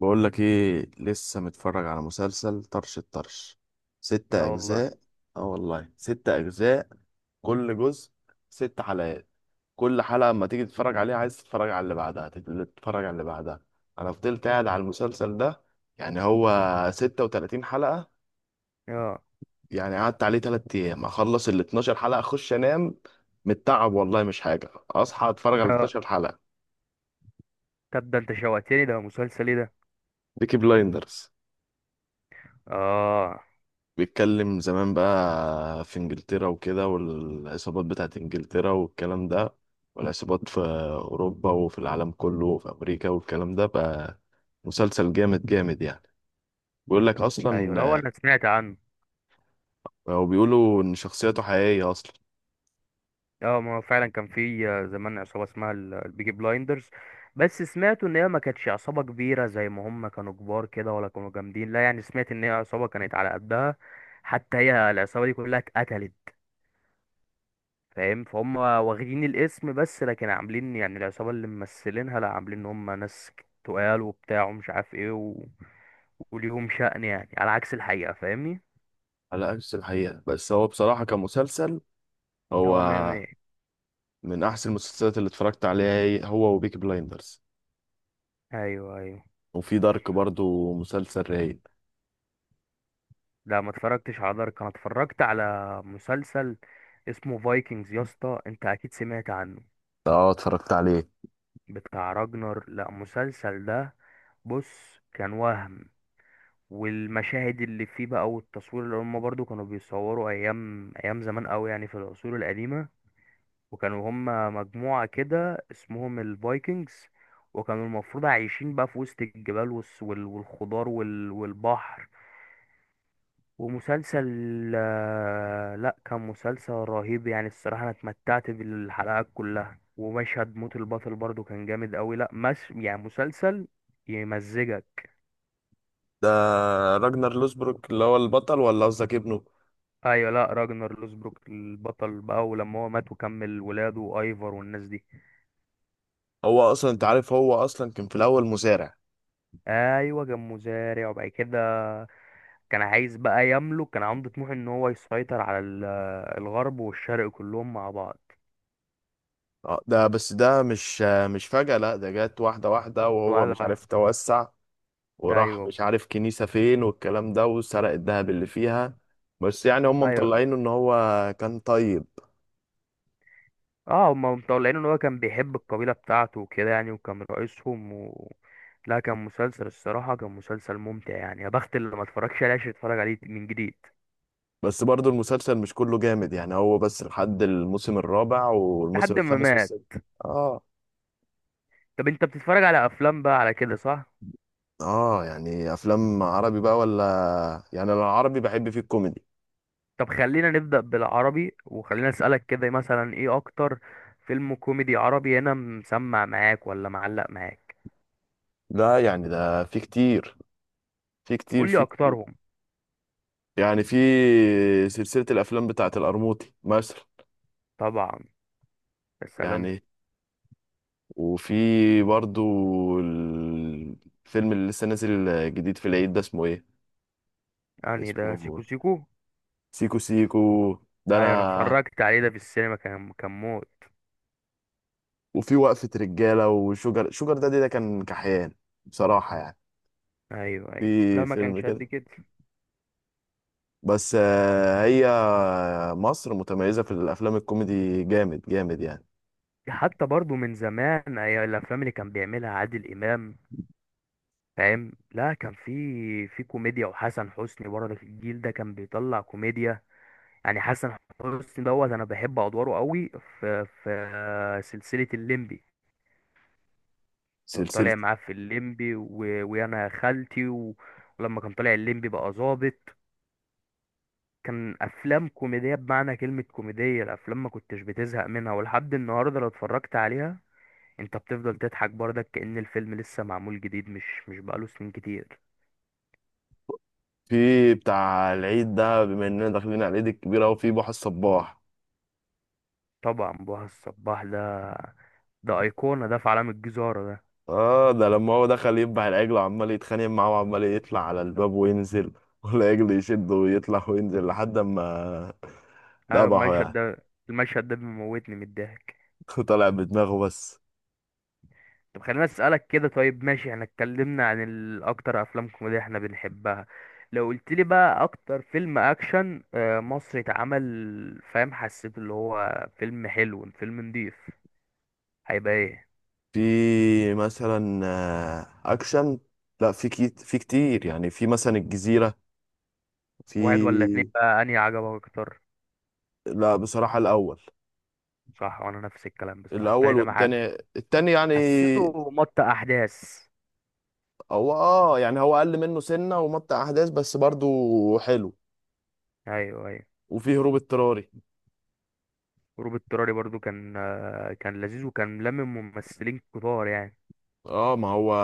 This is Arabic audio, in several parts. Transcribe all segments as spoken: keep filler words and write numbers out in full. بقول لك ايه، لسه متفرج على مسلسل طرش الطرش. لا ستة والله. اجزاء اه والله، ستة اجزاء. كل جزء ست حلقات. كل حلقة اما تيجي تتفرج عليها عايز تتفرج على اللي بعدها، تت- تتفرج على اللي بعدها. انا فضلت قاعد على المسلسل ده، يعني هو ستة وتلاتين حلقة. اه يعني قعدت عليه تلات ايام اخلص ال اتناشر حلقة اخش انام من التعب. والله مش حاجة اصحى اتفرج على اه، اثنا عشر حلقة. طب ده انت شوقتني، ده مسلسل ايه ده؟ بيكي بلايندرز اه بيتكلم زمان بقى في انجلترا وكده، والعصابات بتاعت انجلترا والكلام ده، والعصابات في اوروبا وفي العالم كله وفي امريكا والكلام ده بقى. مسلسل جامد جامد يعني. بيقول لك ايوه، لا هو اصلا، انا سمعت عنه. هو بيقولوا ان شخصيته حقيقية اصلا. اه ما هو فعلا كان في آه، زمان عصابه اسمها ال- البيجي بلايندرز. بس سمعت ان هي ما كانتش عصابه كبيره زي ما هم كانوا كبار كده، ولا كانوا جامدين، لا يعني سمعت ان هي عصابه كانت على قدها. حتى هي العصابه دي كلها اتقتلت. فاهم؟ فهم واخدين الاسم بس، لكن عاملين يعني العصابة اللي ممثلينها، لا عاملين ان هم ناس تقال وبتاع ومش عارف ايه و... وليهم شأن يعني، على عكس الحقيقة فاهمني. على عكس الحقيقة، بس هو بصراحة كمسلسل، ده هو هو مية مية. من احسن المسلسلات اللي اتفرجت عليها، هي- هو وبيكي بلايندرز. ايوه ايوه. وفي دارك برضو مسلسل رايق. لا ما اتفرجتش على دارك، انا اتفرجت على مسلسل اسمه فايكنجز، يا اسطى انت اكيد سمعت عنه، اه، اتفرجت عليه. بتاع راجنر. لا المسلسل ده، بص كان وهم، والمشاهد اللي فيه بقى والتصوير، اللي هم برضو كانوا بيصوروا ايام ايام زمان قوي، يعني في العصور القديمة. وكانوا هم مجموعة كده اسمهم الفايكنجز، وكانوا المفروض عايشين بقى في وسط الجبال والس- وال- والخضار وال- والبحر. ومسلسل آه، لا كان مسلسل رهيب يعني الصراحة، انا اتمتعت بالحلقات كلها، ومشهد موت البطل برضو كان جامد قوي. لا مش يعني مسلسل يمزجك. ده راجنر لوسبروك اللي هو البطل، ولا قصدك ابنه؟ ايوه، لا راجنر لوسبروك البطل بقى، ولما هو مات وكمل ولاده وايفر والناس دي. هو اصلا انت عارف، هو اصلا كان في الاول مزارع. ايوه كان مزارع، وبعد كده كان عايز بقى يملك، كان عنده طموح ان هو يسيطر على ال- الغرب والشرق كلهم مع بعض. اه، ده بس ده مش آه، مش فجأة. لا، ده جت واحدة واحدة وهو واحدة مش واحدة. عارف توسع، وراح ايوه مش عارف كنيسة فين والكلام ده، وسرق الذهب اللي فيها. بس يعني هم ايوه. مطلعينه ان هو كان طيب. اه هما مطلعين ان هو كان بيحب القبيلة بتاعته وكده يعني، وكان رئيسهم و... لا كان مسلسل الصراحة، كان مسلسل ممتع يعني، يا بخت اللي ما اتفرجش عليه عشان يتفرج عليه من جديد. بس برضو المسلسل مش كله جامد، يعني هو بس لحد الموسم الرابع، والموسم لحد ما الخامس مات. والسادس. اه. طب انت بتتفرج على افلام بقى على كده صح؟ اه يعني افلام عربي بقى ولا؟ يعني انا العربي بحب فيه الكوميدي. طب خلينا نبدأ بالعربي، وخلينا اسألك كده مثلا، ايه اكتر فيلم كوميدي عربي هنا مسمع معاك ولا معلق معاك؟ لا يعني ده في كتير، في كتير قول لي في، اكترهم. يعني في سلسلة الأفلام بتاعة القرموطي مثلا. طبعا. يا سلام. يعني وفي برضو الفيلم اللي لسه نازل جديد في العيد ده، اسمه ايه؟ يعني ده سيكو اسمه سيكو. سيكو سيكو ده ايوه انا أنا. اتفرجت عليه ده في السينما، كان كان موت. وفي وقفة رجالة وشجر شجر، ده ده كان كحيان بصراحة يعني. ايوه ايوه، لا في ما فيلم كانش كده قد كده. بس آه، هي مصر متميزة في الأفلام الكوميدي جامد جامد يعني. حتى برضو من زمان، ايوه الافلام اللي كان بيعملها عادل امام، فاهم؟ لا كان في في كوميديا، وحسن حسني برضه في الجيل ده كان بيطلع كوميديا. يعني حسن حسني دوت، انا بحب ادواره قوي في في سلسلة الليمبي. كان سلسلة طالع معاه في الليمبي و... ويانا يا خالتي و... ولما كان طالع الليمبي بقى ظابط، كان افلام كوميديه بمعنى كلمه كوميديه، الافلام ما كنتش بتزهق منها، ولحد النهارده لو اتفرجت عليها انت بتفضل تضحك برضك، كأن الفيلم لسه معمول جديد، مش مش بقاله سنين كتير. في بتاع العيد ده بما إننا داخلين على العيد الكبير أهو، في بحر الصباح. طبعا بهاء الصباح ده، ده ايقونه ده في عالم الجزاره ده. اه، ده لما هو دخل يذبح العجل وعمال يتخانق معاه وعمال يطلع على الباب وينزل والعجل يشده ويطلع وينزل لحد ما ايوه ذبحه المشهد يعني. ده، المشهد ده بيموتني من الضحك. طلع بدماغه بس. طب خليني اسالك كده، طيب ماشي احنا اتكلمنا عن ال- اكتر افلام كوميديا احنا بنحبها، لو قلت لي بقى اكتر فيلم اكشن آه، مصري اتعمل، فاهم؟ حسيت اللي هو فيلم حلو، فيلم نضيف، هيبقى ايه؟ في مثلا آه، اكشن. لا، في كي... في كتير يعني، في مثلا الجزيرة واحد ولا اتنين في. بقى انهي عجبك اكتر؟ لا بصراحة الاول. صح، وانا نفس الكلام بصراحه التاني الاول ده مع والتاني، التاني يعني حسيته مط احداث. هو، اه يعني هو اقل منه سنة ومط احداث بس برضو حلو. ايوه ايوه. وفي هروب اضطراري. هروب اضطراري برضو كان آه، كان لذيذ وكان لمم ممثلين كتار يعني. اه ما هو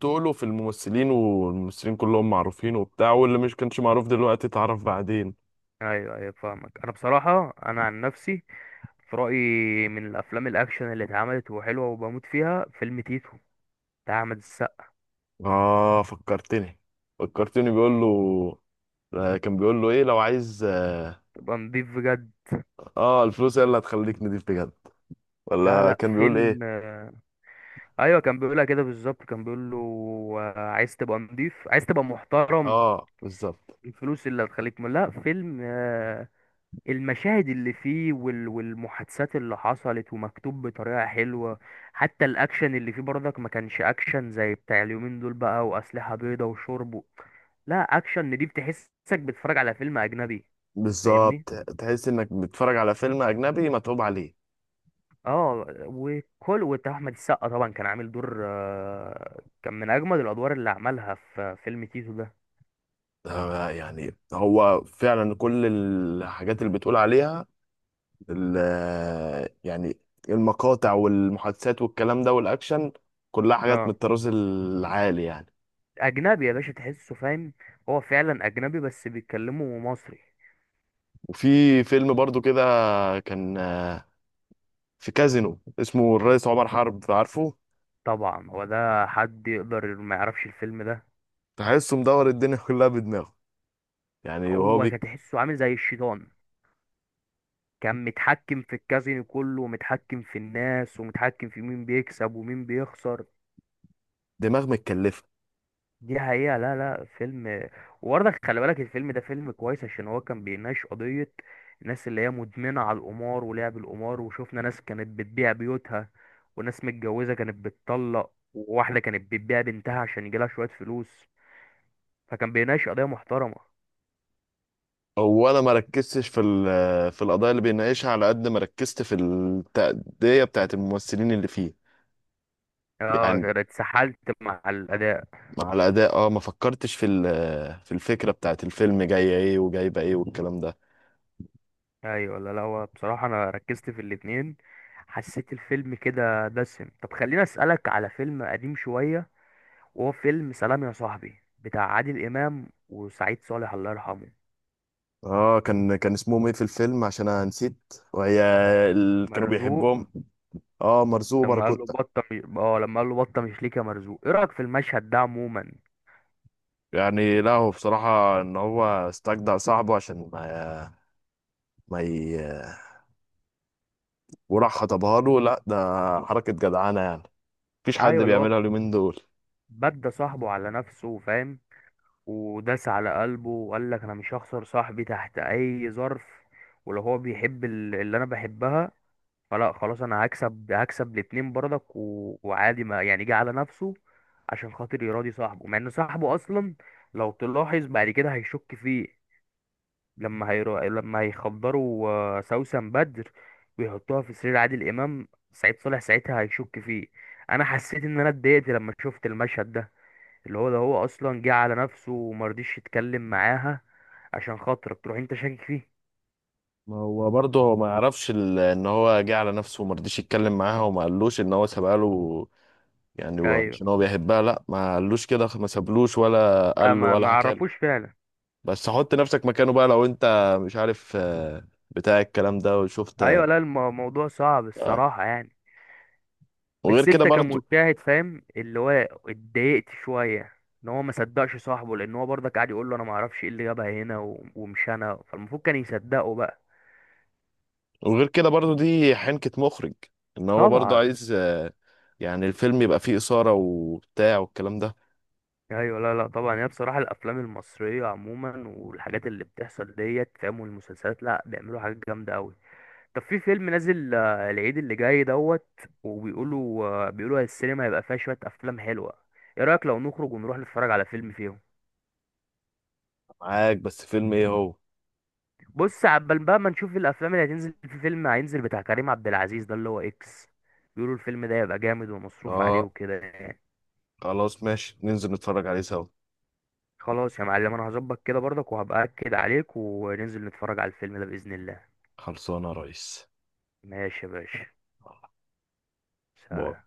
تقله في الممثلين، والممثلين كلهم معروفين وبتاع، واللي مش كانش معروف دلوقتي اتعرف بعدين. ايوه ايوه فاهمك. انا بصراحه انا عن نفسي في رأيي من الأفلام الأكشن اللي اتعملت وحلوة وبموت فيها فيلم تيتو بتاع أحمد السقا. اه، فكرتني فكرتني بيقول له. آه، كان بيقول له ايه لو عايز، اه، تبقى نضيف بجد. آه، الفلوس هي اللي هتخليك نضيف بجد، لا ولا لا كان بيقول ايه؟ فيلم آه، أيوة كان بيقولها كده بالظبط، كان بيقول له آه، عايز تبقى نضيف، عايز تبقى محترم. اه بالظبط. الفلوس اللي هتخليك م- لا فيلم آه، المشاهد اللي فيه وال- والمحادثات اللي حصلت، ومكتوب بطريقة حلوة. حتى الأكشن اللي فيه برضك ما كانش أكشن زي بتاع اليومين دول بقى، وأسلحة بيضة وشرب و- لا أكشن نضيف، تحسك بتتفرج على فيلم أجنبي. فاهمني؟ بالظبط، تحس انك بتتفرج على فيلم اجنبي متعوب عليه. اه. وكل وبتاع احمد السقا طبعا كان عامل دور، آه، كان من اجمد الادوار اللي عملها في فيلم تيتو ده. آه، يعني هو فعلا كل الحاجات اللي بتقول عليها، ال- يعني المقاطع والمحادثات والكلام ده والاكشن، كلها حاجات من اه الطراز العالي يعني. اجنبي يا باشا تحسه، فاهم؟ هو فعلا اجنبي بس بيتكلموا مصري. وفي فيلم برضو كده كان آه، في كازينو اسمه الرئيس عمر حرب، عارفه؟ طبعا هو ده، حد يقدر ما يعرفش الفيلم ده؟ تحسه مدور الدنيا كلها بدماغه. يعني هو هو بي- كان تحسه عامل زي الشيطان، كان متحكم في الكازينو كله، ومتحكم في الناس، ومتحكم في مين بيكسب ومين بيخسر. دماغ متكلفه. دي حقيقة. لا لا فيلم، وبرضك خلي بالك الفيلم ده فيلم كويس، عشان هو كان بيناقش قضية الناس اللي هي مدمنة على القمار ولعب القمار. وشوفنا ناس كانت بتبيع بيوتها، وناس متجوزة كانت بتطلق، وواحدة كانت بتبيع بنتها عشان يجيلها شوية فلوس. فكان بيناقش قضية محترمة. اولا ما ركزتش في ال- في القضايا اللي بيناقشها على قد ما ركزت في التأدية بتاعت الممثلين اللي فيه. اه يعني أنا اتسحلت مع الأداء. مع الأداء، اه، ما فكرتش في ال- في الفكرة بتاعت الفيلم جاية ايه وجايبة ايه والكلام ده. ايوه لا لا، هو بصراحة انا ركزت في الاتنين. حسيت الفيلم كده دسم. طب خليني اسألك على فيلم قديم شوية، وهو فيلم سلام يا صاحبي بتاع عادل إمام وسعيد صالح الله يرحمه. اه كان كان اسمهم ايه في الفيلم عشان انا نسيت؟ وهي ال... كانوا مرزوق. بيحبهم. اه، مرزوق لما قال له وباراكوتا. بطة مش... اه لما قال له بطة مش ليك يا مرزوق، ايه رأيك في المشهد ده عموما؟ يعني لا هو بصراحة ان هو استجدع صاحبه عشان ما ما ي... وراح خطبها له. لا ده حركة جدعانة يعني. مفيش حد ايوه اللي هو بيعملها اليومين دول. بدى صاحبه على نفسه، فاهم؟ وداس على قلبه، وقال لك انا مش هخسر صاحبي تحت اي ظرف، ولو هو بيحب ال- اللي انا بحبها، فلا خلاص انا هكسب هكسب الاتنين برضك و... وعادي ما يعني جه على نفسه عشان خاطر يراضي صاحبه. مع ان صاحبه اصلا لو تلاحظ بعد كده هيشك فيه، لما هيرو... لما هيخدروا آه، سوسن بدر ويحطوها في سرير عادل امام، سعيد صالح ساعتها هيشك فيه. انا حسيت ان انا اتضايقت لما شفت المشهد ده، اللي هو ده هو اصلا جه على نفسه ومرضيش يتكلم معاها، عشان خاطرك تروح انت شاكك فيه. ما هو برضه هو ما يعرفش ال- ان هو جه على نفسه وما رضيش يتكلم معاها وما قالوش ان هو سابها له. يعني هو ايوه. عشان هو بيحبها، لا ما قالوش كده، ما سابلوش ولا لا قال له ما ولا ما حكى له. عرفوش فعلا. بس حط نفسك مكانه بقى، لو انت مش عارف آه، بتاع الكلام ده وشفت. ايوه لا الم- الموضوع صعب آه. الصراحه يعني. وغير بس كده انت برضو. كمشاهد فاهم اللي هو اتضايقت شويه ان هو ما صدقش صاحبه، لان هو برضك قاعد يقول له انا ما اعرفش ايه اللي جابها هنا و- ومش انا، فالمفروض كان يصدقه بقى. وغير كده برضو، دي حنكة مخرج. ان هو برضو طبعا. عايز آه، يعني الفيلم يبقى فيه إثارة وبتاع والكلام ده. ايوه لا لا طبعا. هي بصراحه الافلام المصريه عموما والحاجات اللي بتحصل ديت، فاهم؟ والمسلسلات، لا بيعملوا حاجات جامده قوي. طب في فيلم نازل آه، العيد اللي جاي دوت، وبيقولوا آه، بيقولوا السينما هيبقى فيها شويه افلام حلوه، ايه رايك لو نخرج ونروح نتفرج على فيلم فيهم؟ معاك، بس فيلم ايه هو؟ بص عبال بقى ما نشوف الافلام اللي هتنزل، في فيلم هينزل بتاع كريم عبد العزيز ده اللي هو اكس، بيقولوا الفيلم ده يبقى جامد ومصروف عليه اه، وكده يعني. خلاص ماشي، ننزل نتفرج عليه سوا. خلاص يا معلم، انا هظبط كده برضك وهبقى اكد عليك، وننزل نتفرج على الفيلم ده باذن الله. خلصانه يا ريس. ماشي يا باشا. باي. سلام.